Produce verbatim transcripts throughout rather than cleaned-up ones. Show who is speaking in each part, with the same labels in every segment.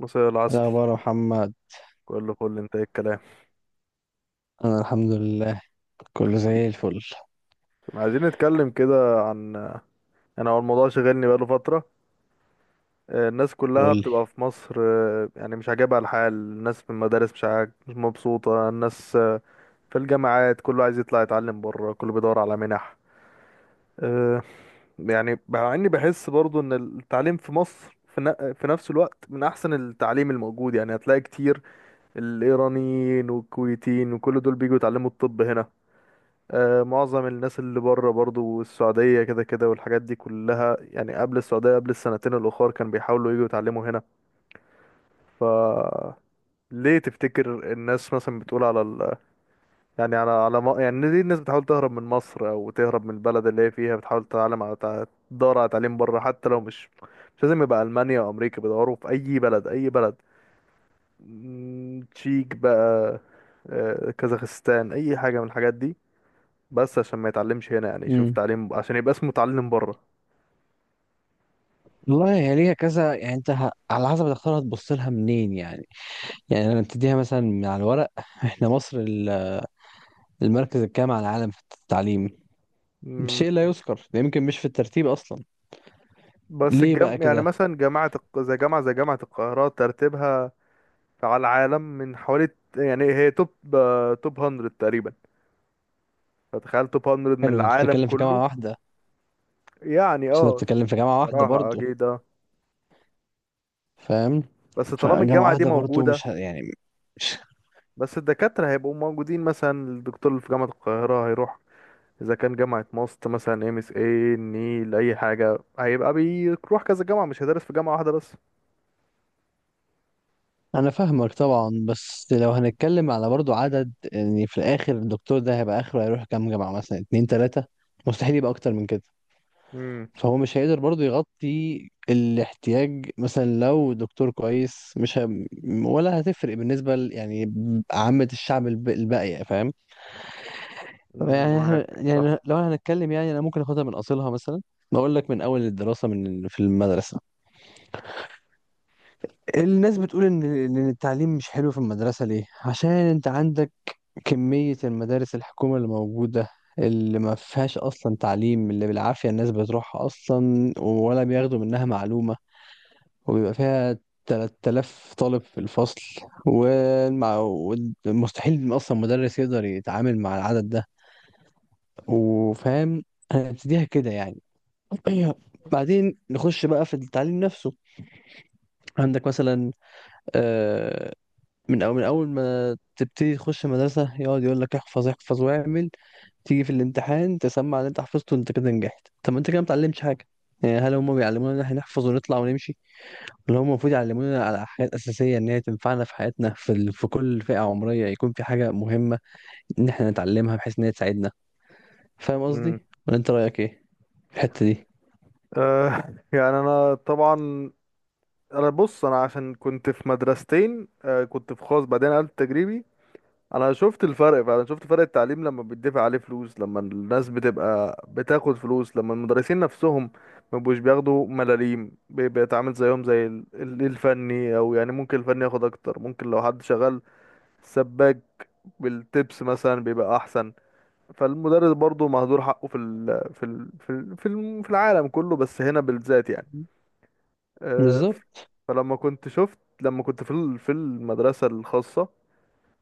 Speaker 1: مساء
Speaker 2: ده
Speaker 1: العسل.
Speaker 2: عبارة محمد.
Speaker 1: كله فل، انت ايه الكلام؟
Speaker 2: أنا الحمد لله، كله زي الفل.
Speaker 1: عايزين نتكلم كده عن، يعني هو الموضوع شغلني بقاله فترة. آه، الناس كلها
Speaker 2: قول لي.
Speaker 1: بتبقى في مصر، آه، يعني مش عاجبها الحال، الناس في المدارس مش عاج... مش مبسوطة الناس، آه، في الجامعات كله عايز يطلع يتعلم بره، كله بيدور على منح. آه، يعني مع اني بحس برضو ان التعليم في مصر في ن- في نفس الوقت من احسن التعليم الموجود، يعني هتلاقي كتير الايرانيين والكويتيين وكل دول بيجوا يتعلموا الطب هنا. آه، معظم الناس اللي بره برضو السعودية كده كده والحاجات دي كلها، يعني قبل السعودية قبل السنتين الأخر كانوا بيحاولوا يجوا يتعلموا هنا. ف ليه تفتكر الناس مثلا بتقول على ال... يعني على على م... يعني ليه الناس بتحاول تهرب من مصر او تهرب من البلد اللي هي فيها، بتحاول تتعلم على تع- تدور على تعليم بره، حتى لو مش مش لازم يبقى ألمانيا او امريكا، بيدوروا في اي بلد اي بلد. مم، تشيك بقى، آه، كازاخستان، اي حاجة من الحاجات دي، بس عشان ما يتعلمش هنا، يعني يشوف
Speaker 2: امم
Speaker 1: تعليم عشان يبقى اسمه متعلم بره.
Speaker 2: والله هي ليها كذا، يعني أنت ه... على حسب هتختارها تبص لها منين يعني. يعني لما تديها مثلا من على الورق إحنا مصر ال- المركز الكام على العالم في التعليم؟ شيء لا
Speaker 1: مم.
Speaker 2: يذكر ده، يمكن مش في الترتيب أصلا.
Speaker 1: بس
Speaker 2: ليه بقى
Speaker 1: الجم... يعني
Speaker 2: كده؟
Speaker 1: مثلا جامعة الق... زي جامعة زي جامعة القاهرة ترتيبها على العالم من حوالي، يعني هي توب، آه، توب مية تقريبا. فتخيل توب مية من
Speaker 2: حلو. أنت
Speaker 1: العالم
Speaker 2: بتتكلم في
Speaker 1: كله.
Speaker 2: جامعة واحدة.
Speaker 1: يعني
Speaker 2: بس أنت
Speaker 1: اه،
Speaker 2: بتتكلم في جامعة واحدة
Speaker 1: صراحة
Speaker 2: برضه،
Speaker 1: أكيد اه.
Speaker 2: فاهم؟
Speaker 1: بس طالما
Speaker 2: فجامعة
Speaker 1: الجامعة دي
Speaker 2: واحدة برضه،
Speaker 1: موجودة،
Speaker 2: مش ه... يعني.
Speaker 1: بس الدكاترة هيبقوا موجودين، مثلا الدكتور اللي في جامعة القاهرة هيروح إذا كان جامعة ماست مثلا، ام اس اي، النيل، أي حاجة، هيبقى بيروح كذا جامعة مش هيدرس في جامعة واحدة بس.
Speaker 2: انا فاهمك طبعا، بس لو هنتكلم على برضو عدد، يعني في الاخر الدكتور ده هيبقى اخره هيروح كام جامعة، مثلا اتنين تلاتة؟ مستحيل يبقى اكتر من كده.
Speaker 1: امم،
Speaker 2: فهو مش هيقدر برضو يغطي الاحتياج، مثلا لو دكتور كويس مش ه... ولا هتفرق بالنسبة ل... يعني، عامة الشعب الب... الباقية، فاهم؟ يعني إحنا-
Speaker 1: معاك، صح.
Speaker 2: يعني لو هنتكلم، يعني انا ممكن اخدها من اصلها مثلا. بقول لك من اول الدراسة، من في المدرسة. الناس بتقول ان إن التعليم مش حلو في المدرسة. ليه؟ عشان انت عندك كمية المدارس الحكومة اللي موجودة، اللي ما فيهاش أصلا تعليم، اللي بالعافية الناس بتروحها أصلا ولا بياخدوا منها معلومة، وبيبقى فيها تلات آلاف طالب في الفصل، والمع- والمستحيل أصلا مدرس يقدر يتعامل مع العدد ده، وفاهم، هنبتديها كده يعني. بعدين نخش بقى في التعليم نفسه. عندك مثلا، آه، من أول من أول ما تبتدي تخش مدرسة، يقعد يقول لك احفظ احفظ واعمل، تيجي في الامتحان تسمع اللي انت حفظته، انت كده نجحت. طب ما انت كده ما بتعلمش حاجة. يعني هل هم بيعلمونا ان احنا نحفظ ونطلع ونمشي؟ ولا هم المفروض يعلمونا على حاجات أساسية، ان هي تنفعنا في حياتنا، في ال... في كل فئة عمرية يكون في حاجة مهمة ان احنا نتعلمها، بحيث ان هي تساعدنا. فاهم
Speaker 1: امم.
Speaker 2: قصدي؟ ولا انت رأيك ايه في الحتة دي؟
Speaker 1: آه يعني انا طبعا انا بص، انا عشان كنت في مدرستين، آه كنت في خاص بعدين قلت تجريبي. انا شفت الفرق فعلا، شفت فرق التعليم لما بيدفع عليه فلوس، لما الناس بتبقى بتاخد فلوس، لما المدرسين نفسهم ما بيبقوش بياخدوا ملاليم، بي- بيتعامل زيهم زي ال- ال- الفني، او يعني ممكن الفني ياخد اكتر، ممكن لو حد شغال سباك بالتبس مثلا بيبقى احسن. فالمدرس برضه مهدور حقه في ال... في ال... في ال... في الم- في العالم كله، بس هنا بالذات يعني. آه،
Speaker 2: بالظبط.
Speaker 1: فلما كنت شفت لما كنت في ال- في المدرسة الخاصة،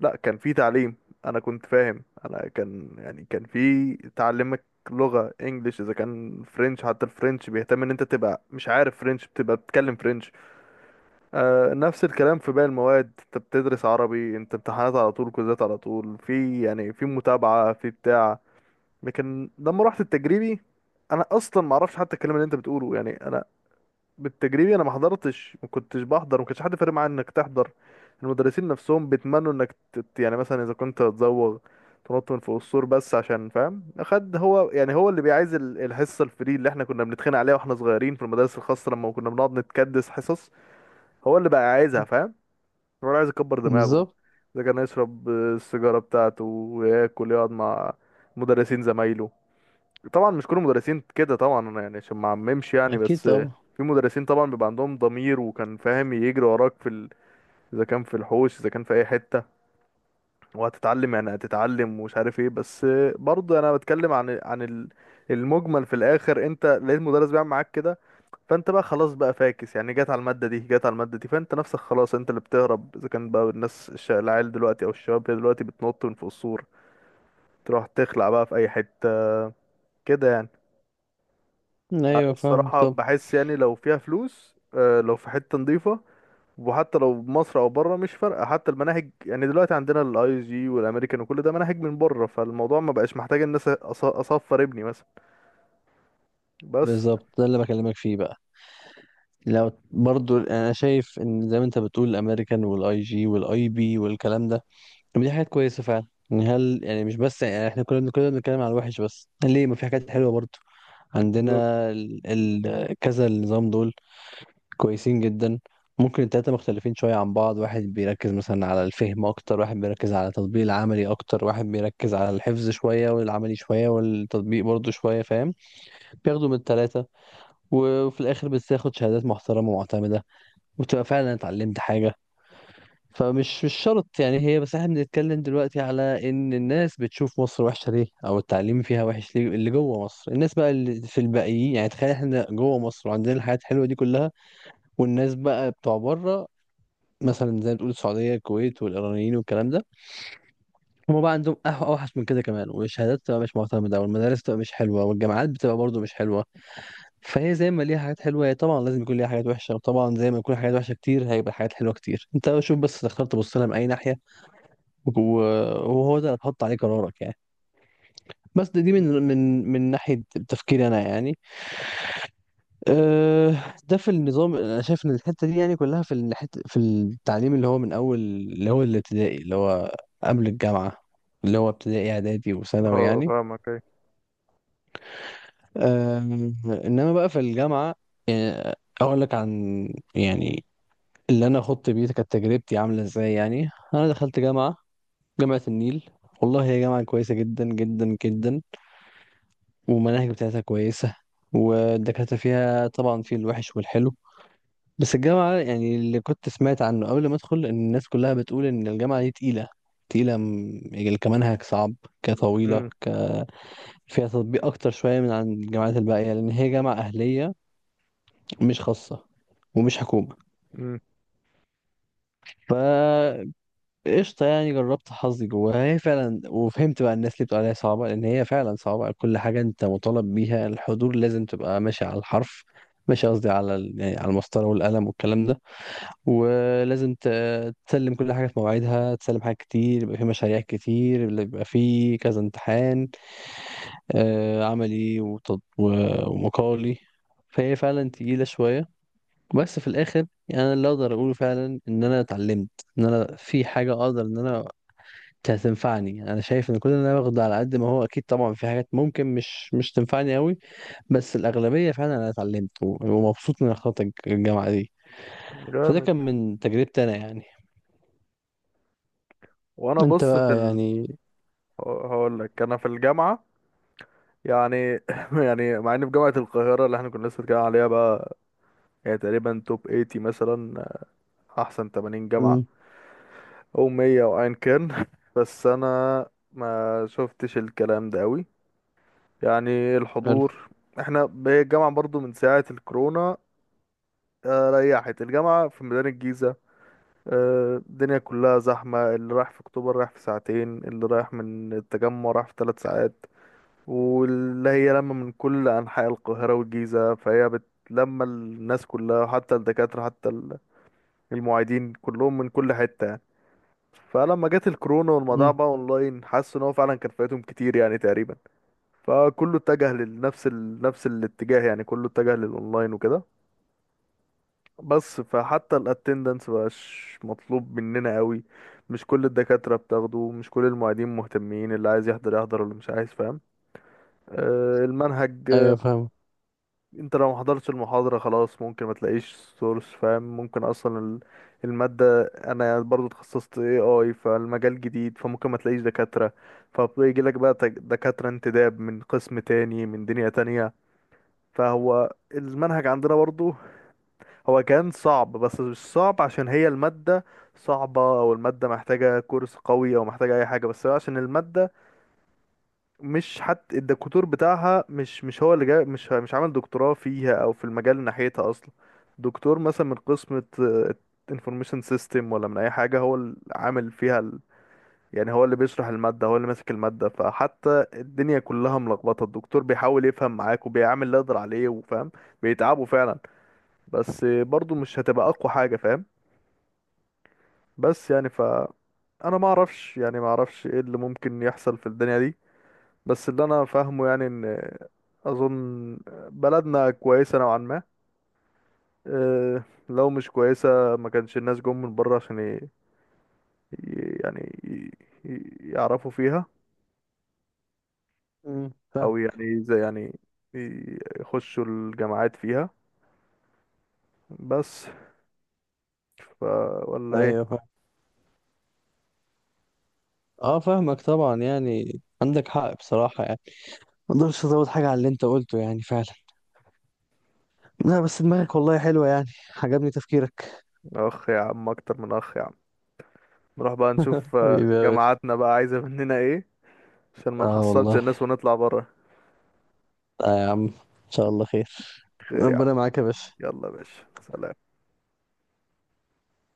Speaker 1: لا كان في تعليم. انا كنت فاهم، انا كان يعني كان في تعلمك لغة انجليش اذا كان فرنش، حتى الفرنش بيهتم ان انت تبقى مش عارف فرنش، بتبقى بتتكلم فرنش. آه، نفس الكلام في باقي المواد، انت بتدرس عربي، انت امتحانات على طول، كوزات على طول، في يعني في متابعة في بتاع. لكن لما رحت التجريبي انا اصلا ما اعرفش حتى الكلام اللي انت بتقوله، يعني انا بالتجريبي انا ما حضرتش، ما كنتش بحضر، ما كانش حد فارق معايا انك تحضر. المدرسين نفسهم بيتمنوا انك تت... يعني مثلا اذا كنت هتزوغ تنط من فوق السور بس عشان فاهم خد، هو يعني هو اللي بيعايز ال- الحصه الفري اللي احنا كنا بنتخانق عليها واحنا صغيرين في المدارس الخاصه لما كنا بنقعد نتكدس حصص، هو اللي بقى عايزها فاهم، هو اللي عايز يكبر دماغه،
Speaker 2: بالظبط.
Speaker 1: اذا كان يشرب، آه، السيجاره بتاعته وياكل، يقعد مع مدرسين زمايله. طبعا مش كل المدرسين كده طبعا، انا يعني عشان ما عممش يعني،
Speaker 2: اكيد
Speaker 1: بس
Speaker 2: طبعا.
Speaker 1: في مدرسين طبعا بيبقى عندهم ضمير وكان فاهم يجري وراك في ال... اذا كان في الحوش اذا كان في اي حته، وهتتعلم يعني هتتعلم ومش عارف ايه. بس برضه انا بتكلم عن عن ال- المجمل. في الاخر انت لقيت مدرس بيعمل معاك كده، فانت بقى خلاص بقى فاكس، يعني جت على الماده دي جت على الماده دي فانت نفسك خلاص انت اللي بتهرب. اذا كان بقى الناس الش- العيال دلوقتي او الشباب دلوقتي بتنط من فوق السور تروح تخلع بقى في اي حته كده يعني.
Speaker 2: ايوه فاهمك
Speaker 1: الصراحة
Speaker 2: طبعا.
Speaker 1: بحس يعني لو فيها فلوس، آه، لو في حتة نظيفة، وحتى لو مصر او بره مش فارقة، حتى المناهج يعني دلوقتي عندنا الاي جي والامريكان وكل ده مناهج من بره، فالموضوع ما بقاش محتاج الناس اصفر ابني مثلا. بس.
Speaker 2: بالظبط، ده اللي بكلمك فيه بقى. لو برضو، انا شايف ان زي ما انت بتقول، الامريكان والاي جي والاي بي والكلام ده، طب دي حاجات كويسه فعلا يعني. هل يعني مش بس يعني احنا كلنا كلنا بنتكلم على الوحش؟ بس ليه ما في حاجات حلوه برضو عندنا؟
Speaker 1: بالظبط.
Speaker 2: ال... ال... كذا النظام دول كويسين جدا. ممكن التلاتة مختلفين شوية عن بعض، واحد بيركز مثلا على الفهم أكتر، واحد بيركز على التطبيق العملي أكتر، واحد بيركز على الحفظ شوية والعملي شوية والتطبيق برضو شوية، فاهم؟ بياخدوا من التلاتة، وفي الآخر بتاخد شهادات محترمة ومعتمدة، وتبقى فعلا اتعلمت حاجة. فمش مش شرط يعني. هي بس احنا بنتكلم دلوقتي على ان الناس بتشوف مصر وحشة ليه، او التعليم فيها وحش ليه. اللي جوه مصر الناس بقى، اللي في الباقيين يعني، تخيل احنا جوه مصر وعندنا الحاجات الحلوة دي كلها، والناس بقى بتوع بره، مثلا زي ما بتقول السعودية الكويت والإيرانيين والكلام ده، هما بقى عندهم أح- أوحش من كده كمان، والشهادات بتبقى مش معتمدة، والمدارس بتبقى مش حلوة، والجامعات بتبقى برضه مش حلوة. فهي زي ما ليها حاجات حلوه، هي طبعا لازم يكون ليها حاجات وحشه، وطبعا زي ما يكون حاجات وحشه كتير، هيبقى حاجات حلوه كتير. انت شوف بس تختار تبص لها من اي ناحيه، و- وهو ده اللي هتحط عليه قرارك يعني. بس دي دي من من من ناحيه تفكيري انا يعني. أه، ده في النظام. انا شايف ان الحته دي يعني كلها، في الحته في التعليم اللي هو من اول، اللي هو الابتدائي، اللي هو قبل الجامعه، اللي هو ابتدائي اعدادي وثانوي
Speaker 1: اه
Speaker 2: يعني.
Speaker 1: فاهمك. ايه.
Speaker 2: أه. انما بقى في الجامعه، يعني اقول لك عن، يعني اللي انا اخط بيه كانت تجربتي عامله ازاي. يعني انا دخلت جامعه جامعه النيل. والله هي جامعه كويسه جدا جدا جدا. والمناهج بتاعتها كويسه، والدكاتره فيها طبعا في الوحش والحلو. بس الجامعه، يعني اللي كنت سمعت عنه قبل ما ادخل، ان الناس كلها بتقول ان الجامعه دي تقيله. تقيله م- يعني كمنهج صعب، كطويله،
Speaker 1: امم.
Speaker 2: ك... فيها تطبيق اكتر شويه من عن الجامعات الباقيه، لان هي جامعه اهليه، مش خاصه ومش حكومه.
Speaker 1: امم.
Speaker 2: قشطة. يعني جربت حظي جواها، هي فعلا، وفهمت بقى الناس اللي بتقول عليها صعبة لأن هي فعلا صعبة. كل حاجة أنت مطالب بيها، الحضور لازم تبقى ماشي على الحرف، ماشي قصدي على ال- يعني على المسطرة والقلم والكلام ده، ولازم ت- تسلم كل حاجة في مواعيدها، تسلم حاجات كتير، يبقى في مشاريع كتير، اللي يبقى في كذا امتحان آه، عملي وتط- و- ومقالي. فهي فعلا تقيلة شوية. بس في الآخر يعني أنا اللي أقدر أقوله فعلا، إن أنا اتعلمت، إن أنا في حاجة أقدر إن أنا ت- هتنفعني. انا شايف ان كل اللي انا باخده، على قد ما هو اكيد طبعا في حاجات ممكن مش مش تنفعني قوي، بس الاغلبيه فعلا انا اتعلمت، و- ومبسوط من اختلاط الج- الجامعه دي. فده
Speaker 1: جامد.
Speaker 2: كان من تجربتي انا يعني.
Speaker 1: وانا
Speaker 2: انت
Speaker 1: بص في
Speaker 2: بقى
Speaker 1: ال...
Speaker 2: يعني.
Speaker 1: هقول لك انا في الجامعه يعني يعني مع اني في جامعه القاهره اللي احنا كنا لسه بنتكلم عليها بقى، يعني تقريبا توب تمانين مثلا، احسن تمانين جامعه
Speaker 2: امم،
Speaker 1: او مية او ايا كان بس انا ما شفتش الكلام ده قوي، يعني
Speaker 2: حلو.
Speaker 1: الحضور، احنا ب- الجامعة برضو من ساعة الكورونا، آه، ريحت الجامعة في ميدان الجيزة، آه، الدنيا كلها زحمة، اللي رايح في اكتوبر رايح في ساعتين، اللي رايح من التجمع رايح في ثلاث ساعات، واللي هي لما من كل انحاء القاهرة والجيزة فهي بتلم الناس كلها، حتى الدكاترة حتى ال- المعيدين كلهم من كل حتة. فلما جت الكورونا والموضوع
Speaker 2: امم،
Speaker 1: بقى اونلاين، حسوا ان هو فعلا كان فايتهم كتير يعني تقريبا، فكله اتجه لنفس ال... نفس الاتجاه، يعني كله اتجه للاونلاين وكده. بس فحتى الاتندنس مبقاش مطلوب مننا قوي، مش كل الدكاترة بتاخده، مش كل المعيدين مهتمين، اللي عايز يحضر يحضر واللي مش عايز فاهم. آه، المنهج،
Speaker 2: ايوه فاهم.
Speaker 1: انت لو ما حضرتش المحاضرة خلاص ممكن ما تلاقيش سورس فاهم، ممكن اصلا ال- المادة، انا برضو اتخصصت A I فالمجال جديد، فممكن ما تلاقيش دكاترة، فبيجي لك بقى تك- دكاترة انتداب من قسم تاني من دنيا تانية. فهو المنهج عندنا برضو هو كان صعب، بس مش صعب عشان هي المادة صعبة او المادة محتاجة كورس قوي او محتاجة اي حاجة، بس هو عشان المادة مش حتى الدكتور بتاعها، مش مش هو اللي جاي، مش مش عامل دكتوراه فيها او في المجال ناحيتها اصلا، دكتور مثلا من قسم انفورميشن سيستم ولا من اي حاجه هو اللي عامل فيها ال... يعني هو اللي بيشرح الماده هو اللي ماسك الماده، فحتى الدنيا كلها ملخبطه، الدكتور بيحاول يفهم معاك وبيعمل اللي يقدر عليه وفاهم، بيتعبوا فعلا، بس برضو مش هتبقى اقوى حاجه فاهم. بس يعني ف انا ما اعرفش، يعني ما اعرفش ايه اللي ممكن يحصل في الدنيا دي، بس اللي انا فاهمه يعني ان اظن بلدنا كويسه نوعا ما. أه لو مش كويسه ما كانش الناس جم من بره عشان ي... ي- يعني ي... ي- يعرفوا فيها،
Speaker 2: امم، فاهم.
Speaker 1: او يعني زي يعني ي- يخشوا الجامعات فيها بس. ف ولا ايه؟
Speaker 2: ايوه فاهم. اه فاهمك طبعا، يعني عندك حق بصراحه يعني، ما اقدرش ازود حاجه على اللي انت قلته، يعني فعلا. لا، بس دماغك والله حلوه يعني، عجبني تفكيرك.
Speaker 1: اخ يا عم، اكتر من اخ يا عم. نروح بقى نشوف، آه،
Speaker 2: حبيبي يا باشا.
Speaker 1: جامعاتنا بقى عايزه مننا ايه عشان ما
Speaker 2: اه
Speaker 1: نحصلش
Speaker 2: والله.
Speaker 1: الناس ونطلع بره.
Speaker 2: آه يا عم، ان شاء الله خير.
Speaker 1: خير يا عم،
Speaker 2: ربنا معاك يا باشا.
Speaker 1: يلا يا باشا، سلام.